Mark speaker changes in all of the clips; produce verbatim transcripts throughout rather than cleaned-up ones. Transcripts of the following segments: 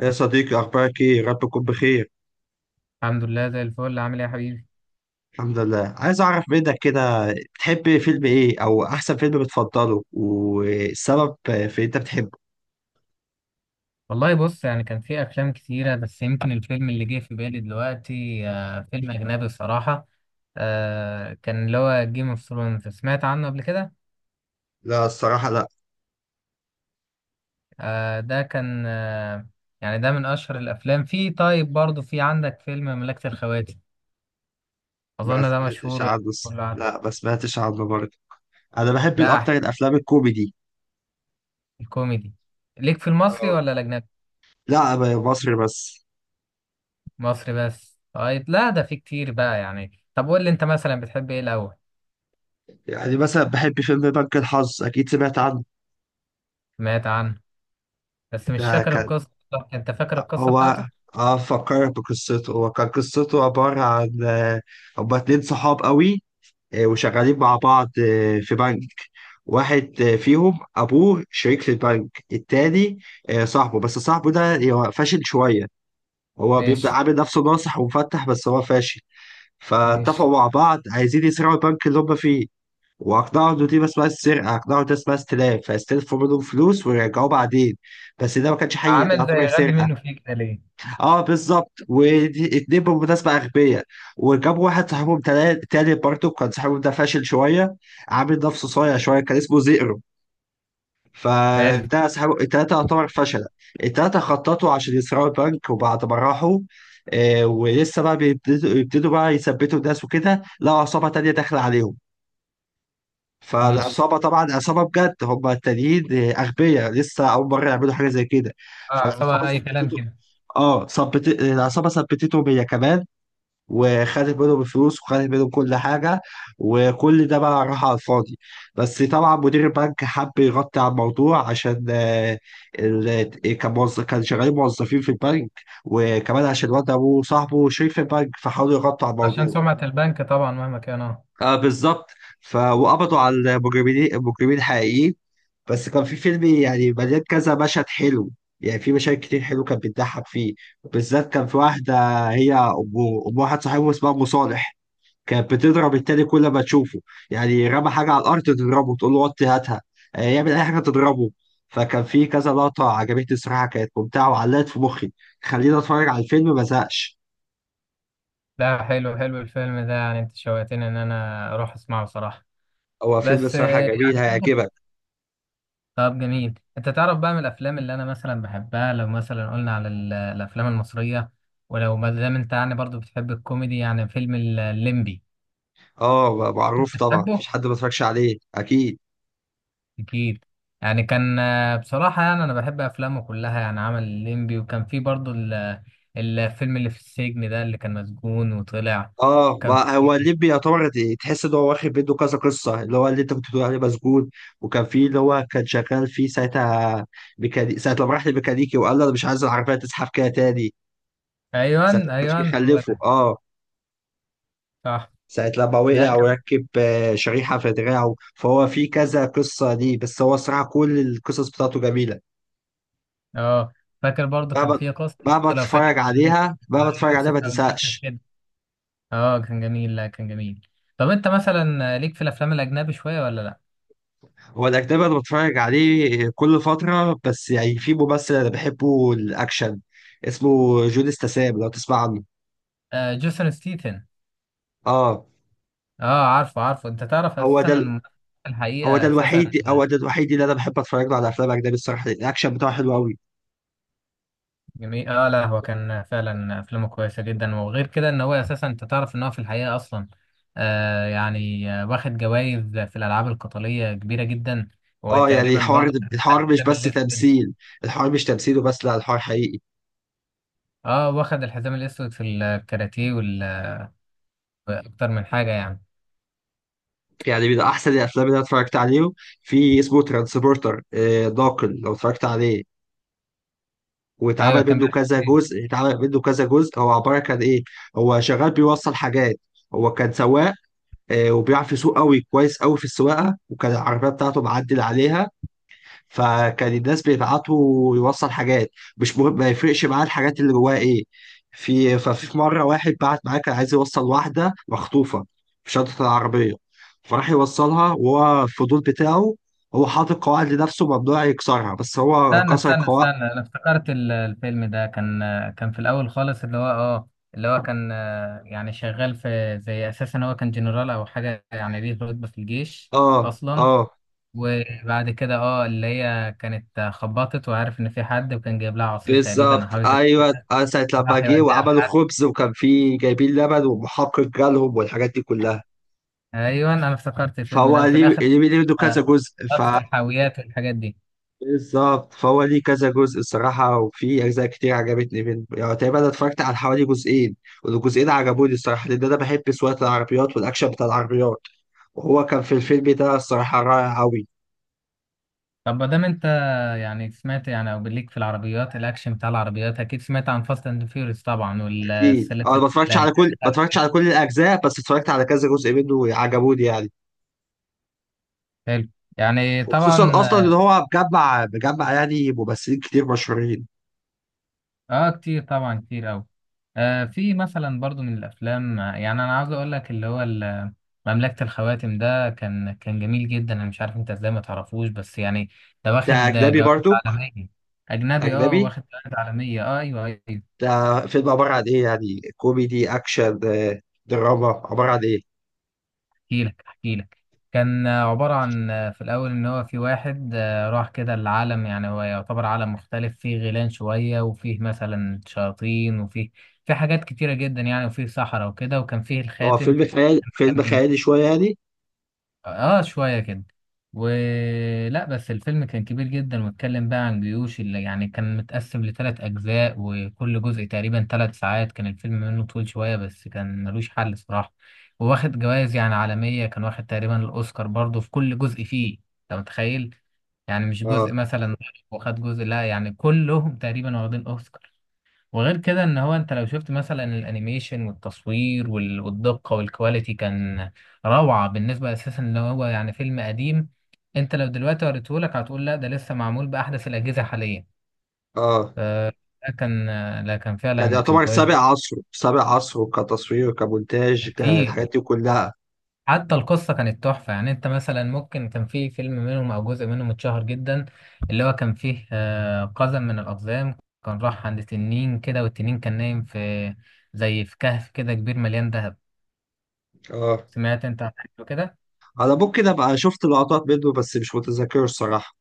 Speaker 1: يا صديقي أخبارك إيه؟ رب تكون بخير.
Speaker 2: الحمد لله، زي الفل. عامل ايه يا حبيبي؟
Speaker 1: الحمد لله. عايز أعرف منك كده، بتحب فيلم إيه أو أحسن فيلم بتفضله والسبب في أنت بتحبه؟
Speaker 2: والله بص، يعني كان في افلام كتيره بس يمكن الفيلم اللي جه في بالي دلوقتي آه فيلم اجنبي الصراحه. آه كان اللي هو جيم اوف ثرونز، سمعت عنه قبل كده؟
Speaker 1: لا الصراحة لا.
Speaker 2: آه، ده كان. آه يعني ده من اشهر الافلام. في طيب، برضه في عندك فيلم مملكه الخواتم؟
Speaker 1: ما
Speaker 2: اظن ده
Speaker 1: سمعتش
Speaker 2: مشهور، يعني
Speaker 1: عنه الص-
Speaker 2: كله عارف.
Speaker 1: لا ما سمعتش عنه برضه. أنا بحب
Speaker 2: لا،
Speaker 1: الأكتر
Speaker 2: احكي.
Speaker 1: الأفلام الكوميدي.
Speaker 2: الكوميدي. ليك في المصري
Speaker 1: اه.
Speaker 2: ولا الاجنبي؟
Speaker 1: لا ب- مصري بس.
Speaker 2: مصري بس. طيب، لا ده في كتير بقى، يعني طب قول لي، انت مثلا بتحب ايه الاول؟
Speaker 1: يعني مثلا بحب فيلم بنك الحظ، أكيد سمعت عنه.
Speaker 2: سمعت عنه. بس مش
Speaker 1: ده
Speaker 2: فاكر
Speaker 1: كان
Speaker 2: القصة بالظبط. انت فاكر القصة
Speaker 1: هو،
Speaker 2: بتاعته؟
Speaker 1: اه فكرت بقصته. هو كان قصته عبارة عن آه، هما اتنين صحاب قوي، آه، وشغالين مع بعض آه، في بنك. واحد آه، فيهم أبوه شريك في البنك التاني، آه، صاحبه. بس صاحبه ده هو فاشل شوية. هو بيبدأ
Speaker 2: ماشي.
Speaker 1: عامل نفسه ناصح ومفتح بس هو فاشل.
Speaker 2: ماشي.
Speaker 1: فاتفقوا مع بعض عايزين يسرقوا البنك اللي هم فيه. وأقنعوا إن دي اسمها السرقة، أقنعوا إن ده اسمها استلاف، فاستلفوا منهم فلوس ويرجعوه بعدين. بس ده ما كانش حقيقي، ده
Speaker 2: عمل زي
Speaker 1: يعتبر
Speaker 2: غبي
Speaker 1: سرقة.
Speaker 2: منه فيه كده ليه؟
Speaker 1: اه بالظبط. ودي اتنين بالمناسبة أغبياء. وجابوا واحد صاحبهم تلا- تالت، برضه كان صاحبهم ده فاشل شوية. عامل نفسه صايع شوية، كان اسمه زئرو.
Speaker 2: حلو.
Speaker 1: فده صاحبه التلاتة يعتبر فشلة. التلاتة خططوا عشان يسرقوا البنك، وبعد ما راحوا آه ولسه بقى بيبتدوا يبتدوا بقى يثبتوا الناس وكده، لقوا عصابة تانية داخلة عليهم.
Speaker 2: ماشي.
Speaker 1: فالعصابة طبعا عصابة بجد، هم التانيين أغبياء لسه أول مرة يعملوا حاجة زي كده.
Speaker 2: اه،
Speaker 1: فالعصابة
Speaker 2: عصابة أي كلام
Speaker 1: ثبتته.
Speaker 2: كده.
Speaker 1: اه ثبت العصابة ثبتتهم هي كمان، وخدت منهم الفلوس وخدت منهم كل حاجة. وكل ده بقى راح على الفاضي. بس طبعا مدير البنك حب يغطي على الموضوع عشان آه، ال- كان موظف، كان شغالين موظفين في البنك، وكمان عشان الواد أبوه صاحبه شريك في البنك، فحاولوا يغطوا على
Speaker 2: عشان
Speaker 1: الموضوع.
Speaker 2: سمعة البنك طبعا، مهما كان. اه
Speaker 1: آه بالظبط. ف وقبضوا على المجرمين المجرمين الحقيقيين. بس كان في فيلم يعني مليان كذا مشهد حلو. يعني في مشاهد كتير حلو كانت بتضحك فيه. بالذات كان في واحدة، هي أم، أم واحد صاحبه اسمها أم صالح، كانت بتضرب التاني كل ما تشوفه. يعني رمى حاجة على الأرض تضربه تقول له وطي هاتها. آه، يعمل أي حاجة تضربه. فكان في كذا لقطة عجبتني الصراحة، كانت ممتعة وعلقت في مخي. خليني أتفرج على الفيلم ما زهقش.
Speaker 2: لا، حلو حلو الفيلم ده، يعني انت شوقتني ان انا اروح اسمعه صراحة.
Speaker 1: هو فيلم
Speaker 2: بس
Speaker 1: صراحة
Speaker 2: آه، يعني
Speaker 1: جميل
Speaker 2: تقدر-
Speaker 1: هيعجبك.
Speaker 2: طب جميل، انت تعرف بقى من الافلام اللي انا مثلا بحبها، لو مثلا قلنا على ال- الافلام المصرية. ولو ما دام انت يعني برضو بتحب الكوميدي، يعني فيلم الليمبي.
Speaker 1: اه معروف طبعا، مفيش
Speaker 2: بتحبه؟
Speaker 1: حد ما اتفرجش عليه أكيد.
Speaker 2: أكيد. يعني كان، آه، بصراحة يعني أنا بحب أفلامه كلها، يعني عمل الليمبي وكان في برضو ال- الفيلم اللي في السجن، ده اللي كان مسجون وطلع.
Speaker 1: اه،
Speaker 2: كان
Speaker 1: ما هو
Speaker 2: في.
Speaker 1: الليمبي يعتبر ت- تحس ان هو واخد منه كذا قصه. اللي هو اللي انت كنت بتقول عليه مسجون، وكان في اللي هو كان شغال فيه ساعتها. ميكاني... ساعه لما راح لميكانيكي وقال له انا مش عايز العربيه تزحف كده تاني. ساعه
Speaker 2: أيوان،
Speaker 1: ما كانش
Speaker 2: أيوان، هو
Speaker 1: بيخلفه
Speaker 2: ده.
Speaker 1: اه.
Speaker 2: صح.
Speaker 1: ساعه لما
Speaker 2: لا،
Speaker 1: وقع
Speaker 2: كان.
Speaker 1: وركب آه، شريحه في دراعه. فهو في كذا قصه دي، بس هو الصراحه كل القصص بتاعته جميله.
Speaker 2: أه. فاكر برضو كان
Speaker 1: مهما
Speaker 2: في قصة
Speaker 1: مهما
Speaker 2: برضو، لو فاكر
Speaker 1: تتفرج
Speaker 2: كان اسمه
Speaker 1: عليها، مهما تتفرج عليها
Speaker 2: يوسف
Speaker 1: ما
Speaker 2: أو يوسف
Speaker 1: تزهقش.
Speaker 2: كده. أه كان جميل، لا كان جميل. طب أنت مثلا آه، ليك في الأفلام الأجنبي شوية ولا لأ؟
Speaker 1: هو الأجنبي أنا بتفرج عليه كل فترة، بس يعني في ممثل أنا بحبه الأكشن، اسمه جون استسام لو تسمع عنه.
Speaker 2: آه، جيسون ستيتن.
Speaker 1: اه.
Speaker 2: أه، عارفه عارفه. أنت تعرف
Speaker 1: هو
Speaker 2: أساسا
Speaker 1: ده ال-
Speaker 2: إن،
Speaker 1: هو ده
Speaker 2: الحقيقة أساسا.
Speaker 1: الوحيد، هو ده الوحيد اللي أنا بحب أتفرج له على أفلام أجنبي الصراحة، الأكشن بتاعه حلو أوي.
Speaker 2: جميل، اه. لا هو كان فعلا افلامه كويسه جدا، وغير كده ان هو اساسا، انت تعرف ان هو في الحقيقه اصلا، آه يعني آه، واخد جوائز في الالعاب القتاليه كبيره جدا.
Speaker 1: اه يعني
Speaker 2: وتقريبا
Speaker 1: الحوار
Speaker 2: برضه كان معاه
Speaker 1: الحوار مش
Speaker 2: الحزام
Speaker 1: بس
Speaker 2: الاسود.
Speaker 1: تمثيل، الحوار مش تمثيل وبس، لا الحوار حقيقي.
Speaker 2: اه، واخد الحزام الاسود في الكاراتيه وال- واكتر من حاجه يعني.
Speaker 1: يعني من أحسن الأفلام اللي أنا اتفرجت عليه، في اسمه ترانسبورتر داكن لو اتفرجت عليه.
Speaker 2: ايوه،
Speaker 1: واتعمل
Speaker 2: كان
Speaker 1: منه
Speaker 2: بيحكي
Speaker 1: كذا
Speaker 2: عن إيه؟
Speaker 1: جزء، اتعمل منه كذا جزء هو عباره كان ايه. هو شغال بيوصل حاجات، هو كان سواق، آه، وبيعرف يسوق قوي، كويس قوي في السواقه، وكان العربيه بتاعته معدل عليها. فكان الناس بيبعتوا يوصل حاجات، مش مهم ما يفرقش معاه الحاجات اللي جواها ايه. في ففي في مره واحد بعت معاه كان عايز يوصل واحده مخطوفه في شنطه العربيه. فراح يوصلها وهو الفضول بتاعه، هو حاطط قواعد لنفسه ممنوع يكسرها بس هو
Speaker 2: استنى،
Speaker 1: كسر
Speaker 2: استنى،
Speaker 1: قواعد.
Speaker 2: استنى. انا افتكرت ال- الفيلم ده كان، آه، كان في الاول خالص، اللي هو اه اللي هو كان، آه، يعني شغال في زي، اساسا هو كان جنرال او حاجه، يعني ليه رتبه في الجيش
Speaker 1: اه
Speaker 2: اصلا.
Speaker 1: اه
Speaker 2: وبعد كده اه اللي هي كانت خبطت، وعارف ان في حد، وكان جايب لها عصير تقريبا او حاجه
Speaker 1: بالظبط
Speaker 2: شبه
Speaker 1: ايوه.
Speaker 2: كده.
Speaker 1: آه، ساعه لما
Speaker 2: وراح
Speaker 1: جه
Speaker 2: يوديها
Speaker 1: وعملوا
Speaker 2: لحد.
Speaker 1: خبز وكان فيه جايبين لبن ومحقق جالهم والحاجات دي كلها.
Speaker 2: ايوه، انا افتكرت الفيلم
Speaker 1: فهو
Speaker 2: ده. وفي
Speaker 1: ليه
Speaker 2: الاخر،
Speaker 1: ليه منه كذا
Speaker 2: آه،
Speaker 1: جزء، ف
Speaker 2: لقطه الحاويات والحاجات دي.
Speaker 1: بالظبط، فهو ليه كذا جزء الصراحه، وفي اجزاء كتير عجبتني منه. يعني تقريبا انا اتفرجت على حوالي جزئين، والجزئين عجبوني الصراحه، لان انا بحب سواقه العربيات والاكشن بتاع العربيات. وهو كان في الفيلم ده الصراحه رائع قوي.
Speaker 2: طب ما دام انت، يعني سمعت يعني، او ليك في العربيات الاكشن بتاع العربيات، اكيد سمعت عن فاست اند فيوريوس طبعا
Speaker 1: اكيد. آه، انا
Speaker 2: والسلاسل.
Speaker 1: ما اتفرجتش على
Speaker 2: الأجزاء
Speaker 1: كل ما
Speaker 2: بتاعته.
Speaker 1: اتفرجتش على كل الاجزاء بس اتفرجت على كذا جزء منه عجبوني يعني.
Speaker 2: حلو. يعني
Speaker 1: وخصوصا
Speaker 2: طبعا.
Speaker 1: اصلا ان هو مجمع مجمع يعني ممثلين كتير مشهورين.
Speaker 2: اه، كتير طبعا، كتير قوي. آه في مثلا برضو من الافلام، آه، يعني انا عاوز اقول لك اللي هو ال- مملكة الخواتم، ده كان كان جميل جدا، انا مش عارف انت ازاي ما تعرفوش، بس يعني ده
Speaker 1: ده
Speaker 2: واخد
Speaker 1: اجنبي
Speaker 2: جوائز
Speaker 1: برضو.
Speaker 2: عالمية. اجنبي، اه،
Speaker 1: اجنبي.
Speaker 2: واخد جوائز عالمية. اه، ايوه، ايوه.
Speaker 1: ده فيلم عباره عن ايه؟ يعني كوميدي اكشن آه، دراما، عباره عن ايه.
Speaker 2: احكي لك، احكي لك. كان، آه، عبارة عن، آه، في الاول ان هو في واحد، آه، راح كده العالم، يعني هو يعتبر عالم مختلف، فيه غيلان شوية، وفيه مثلا شياطين، وفيه في حاجات كتيرة جدا، يعني وفيه صحراء وكده، وكان فيه
Speaker 1: هو
Speaker 2: الخاتم.
Speaker 1: فيلم خيالي
Speaker 2: كان
Speaker 1: فيلم
Speaker 2: كبير.
Speaker 1: خيالي شويه يعني.
Speaker 2: اه شوية كده. ولا بس الفيلم كان كبير جدا، واتكلم بقى عن جيوش، اللي يعني كان متقسم لثلاث أجزاء، وكل جزء تقريبا ثلاث ساعات، كان الفيلم منه طويل شوية بس كان ملوش حل صراحة. وواخد جوائز يعني عالمية، كان واخد تقريبا الأوسكار برضه في كل جزء فيه. أنت متخيل؟ يعني مش جزء
Speaker 1: اه
Speaker 2: مثلا. واخد جزء، لا يعني كلهم تقريبا واخدين أوسكار. وغير كده ان هو، انت لو شفت مثلا الانيميشن والتصوير وال- والدقة والكواليتي، كان روعة. بالنسبة اساسا ان هو يعني فيلم قديم، انت لو دلوقتي وريتهولك هتقول لا ده لسه معمول بأحدث الأجهزة حاليا.
Speaker 1: اه
Speaker 2: فده كان، لا كان
Speaker 1: كان
Speaker 2: فعلا كان
Speaker 1: يعتبر
Speaker 2: كويس
Speaker 1: سابق
Speaker 2: جدا.
Speaker 1: عصره سابق عصره، كتصوير كمونتاج
Speaker 2: كتير.
Speaker 1: كالحاجات دي كلها.
Speaker 2: حتى القصة كانت تحفة، يعني انت مثلا ممكن كان في فيلم منهم او جزء منهم اتشهر جدا، اللي هو كان فيه، آه، قزم من الأقزام، كان راح عند تنين كده، والتنين كان نايم في زي في كهف كده كبير مليان دهب.
Speaker 1: اه
Speaker 2: سمعت انت عن حاجه كده؟
Speaker 1: انا ممكن ابقى شفت لقطات منه بس مش متذكره الصراحه.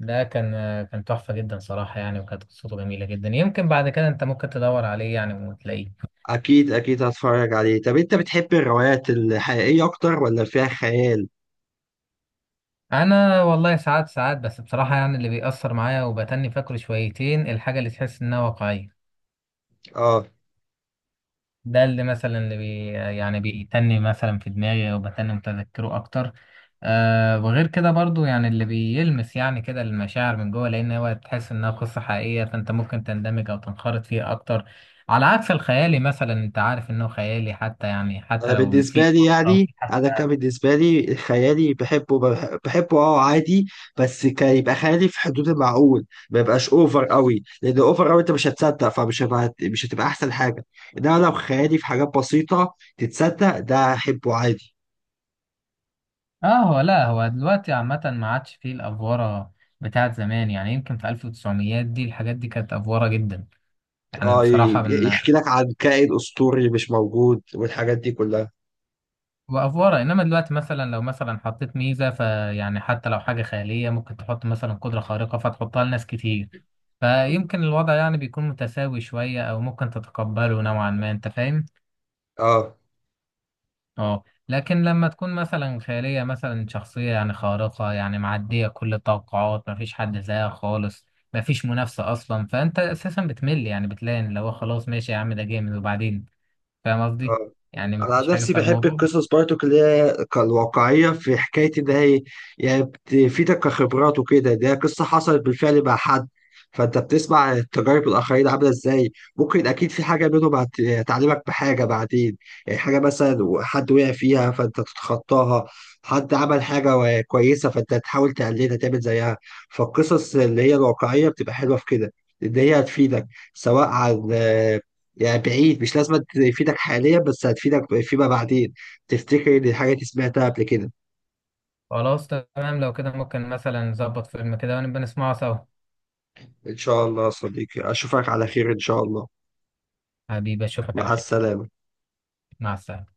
Speaker 2: ده كان، كان تحفه جدا صراحه، يعني وكانت قصته جميله جدا، يمكن بعد كده انت ممكن تدور عليه يعني وتلاقيه.
Speaker 1: اكيد اكيد هتفرج عليه. طب انت بتحب الروايات الحقيقيه اكتر ولا فيها خيال؟
Speaker 2: انا والله ساعات ساعات، بس بصراحه يعني اللي بيأثر معايا وبتني فاكره شويتين الحاجه اللي تحس انها واقعيه.
Speaker 1: اه،
Speaker 2: ده اللي مثلا، اللي بي يعني بيتني مثلا في دماغي، وبتني متذكره اكتر. آه وغير كده برضو، يعني اللي بيلمس يعني كده المشاعر من جوه، لان هو تحس انها قصة حقيقية فانت ممكن تندمج او تنخرط فيها اكتر. على عكس الخيالي مثلا، انت عارف انه خيالي، حتى يعني
Speaker 1: انا
Speaker 2: حتى لو
Speaker 1: بالنسبه
Speaker 2: في
Speaker 1: لي
Speaker 2: قصة او
Speaker 1: يعني،
Speaker 2: في
Speaker 1: انا كان
Speaker 2: حتى.
Speaker 1: بالنسبه لي خيالي بحبه، بح- بحبه اه عادي. بس كان يبقى خيالي في حدود المعقول ما يبقاش اوفر قوي، لان اوفر قوي انت مش هتصدق، فمش هبقى مش هتبقى احسن حاجه. انما لو خيالي في حاجات بسيطه تتصدق ده احبه عادي.
Speaker 2: اه. هو لا، هو دلوقتي عامة ما عادش فيه الافوارة بتاعت زمان، يعني يمكن في ألف وتسعمية دي الحاجات دي كانت افوارة جدا. يعني
Speaker 1: اه،
Speaker 2: بصراحة
Speaker 1: ي-
Speaker 2: من،
Speaker 1: يحكي لك عن كائن اسطوري مش موجود والحاجات دي كلها.
Speaker 2: وافوره. انما دلوقتي مثلا لو مثلا حطيت ميزه، فيعني حتى لو حاجه خياليه ممكن تحط مثلا قدره خارقه فتحطها لناس كتير، فيمكن الوضع يعني بيكون متساوي شويه، او ممكن تتقبله نوعا ما، انت فاهم؟
Speaker 1: اه
Speaker 2: اه. لكن لما تكون مثلا خياليه، مثلا شخصيه يعني خارقه يعني معديه كل التوقعات، مفيش حد زيها خالص، مفيش منافسه اصلا، فانت اساسا بتمل، يعني بتلاقي ان لو خلاص ماشي يا عم ده جامد وبعدين، فاهم قصدي؟
Speaker 1: آه.
Speaker 2: يعني
Speaker 1: انا عن
Speaker 2: مفيش حاجه
Speaker 1: نفسي بحب
Speaker 2: فالموضوع.
Speaker 1: القصص برضو اللي هي الواقعيه، في حكايه ان هي يعني بتفيدك كخبرات وكده، ده قصه حصلت بالفعل مع حد، فانت بتسمع تجارب الاخرين عامله ازاي، ممكن اكيد في حاجه منهم هت- هتعلمك بحاجه بعدين. يعني حاجه مثلا حد وقع فيها فانت تتخطاها، حد عمل حاجه و- كويسه فانت تحاول تقلدها تعمل زيها. فالقصص اللي هي الواقعيه بتبقى حلوه في كده، ان هي هتفيدك، سواء عن، يعني بعيد مش لازم تفيدك حاليا بس هتفيدك فيما بعدين، تفتكر ان الحاجة دي سمعتها قبل كده.
Speaker 2: خلاص تمام، لو كده ممكن مثلا نظبط فيلم كده ونبقى نسمعه سوا.
Speaker 1: ان شاء الله يا صديقي، اشوفك على خير ان شاء الله.
Speaker 2: حبيبي، اشوفك على
Speaker 1: مع
Speaker 2: خير.
Speaker 1: السلامة.
Speaker 2: مع السلامة.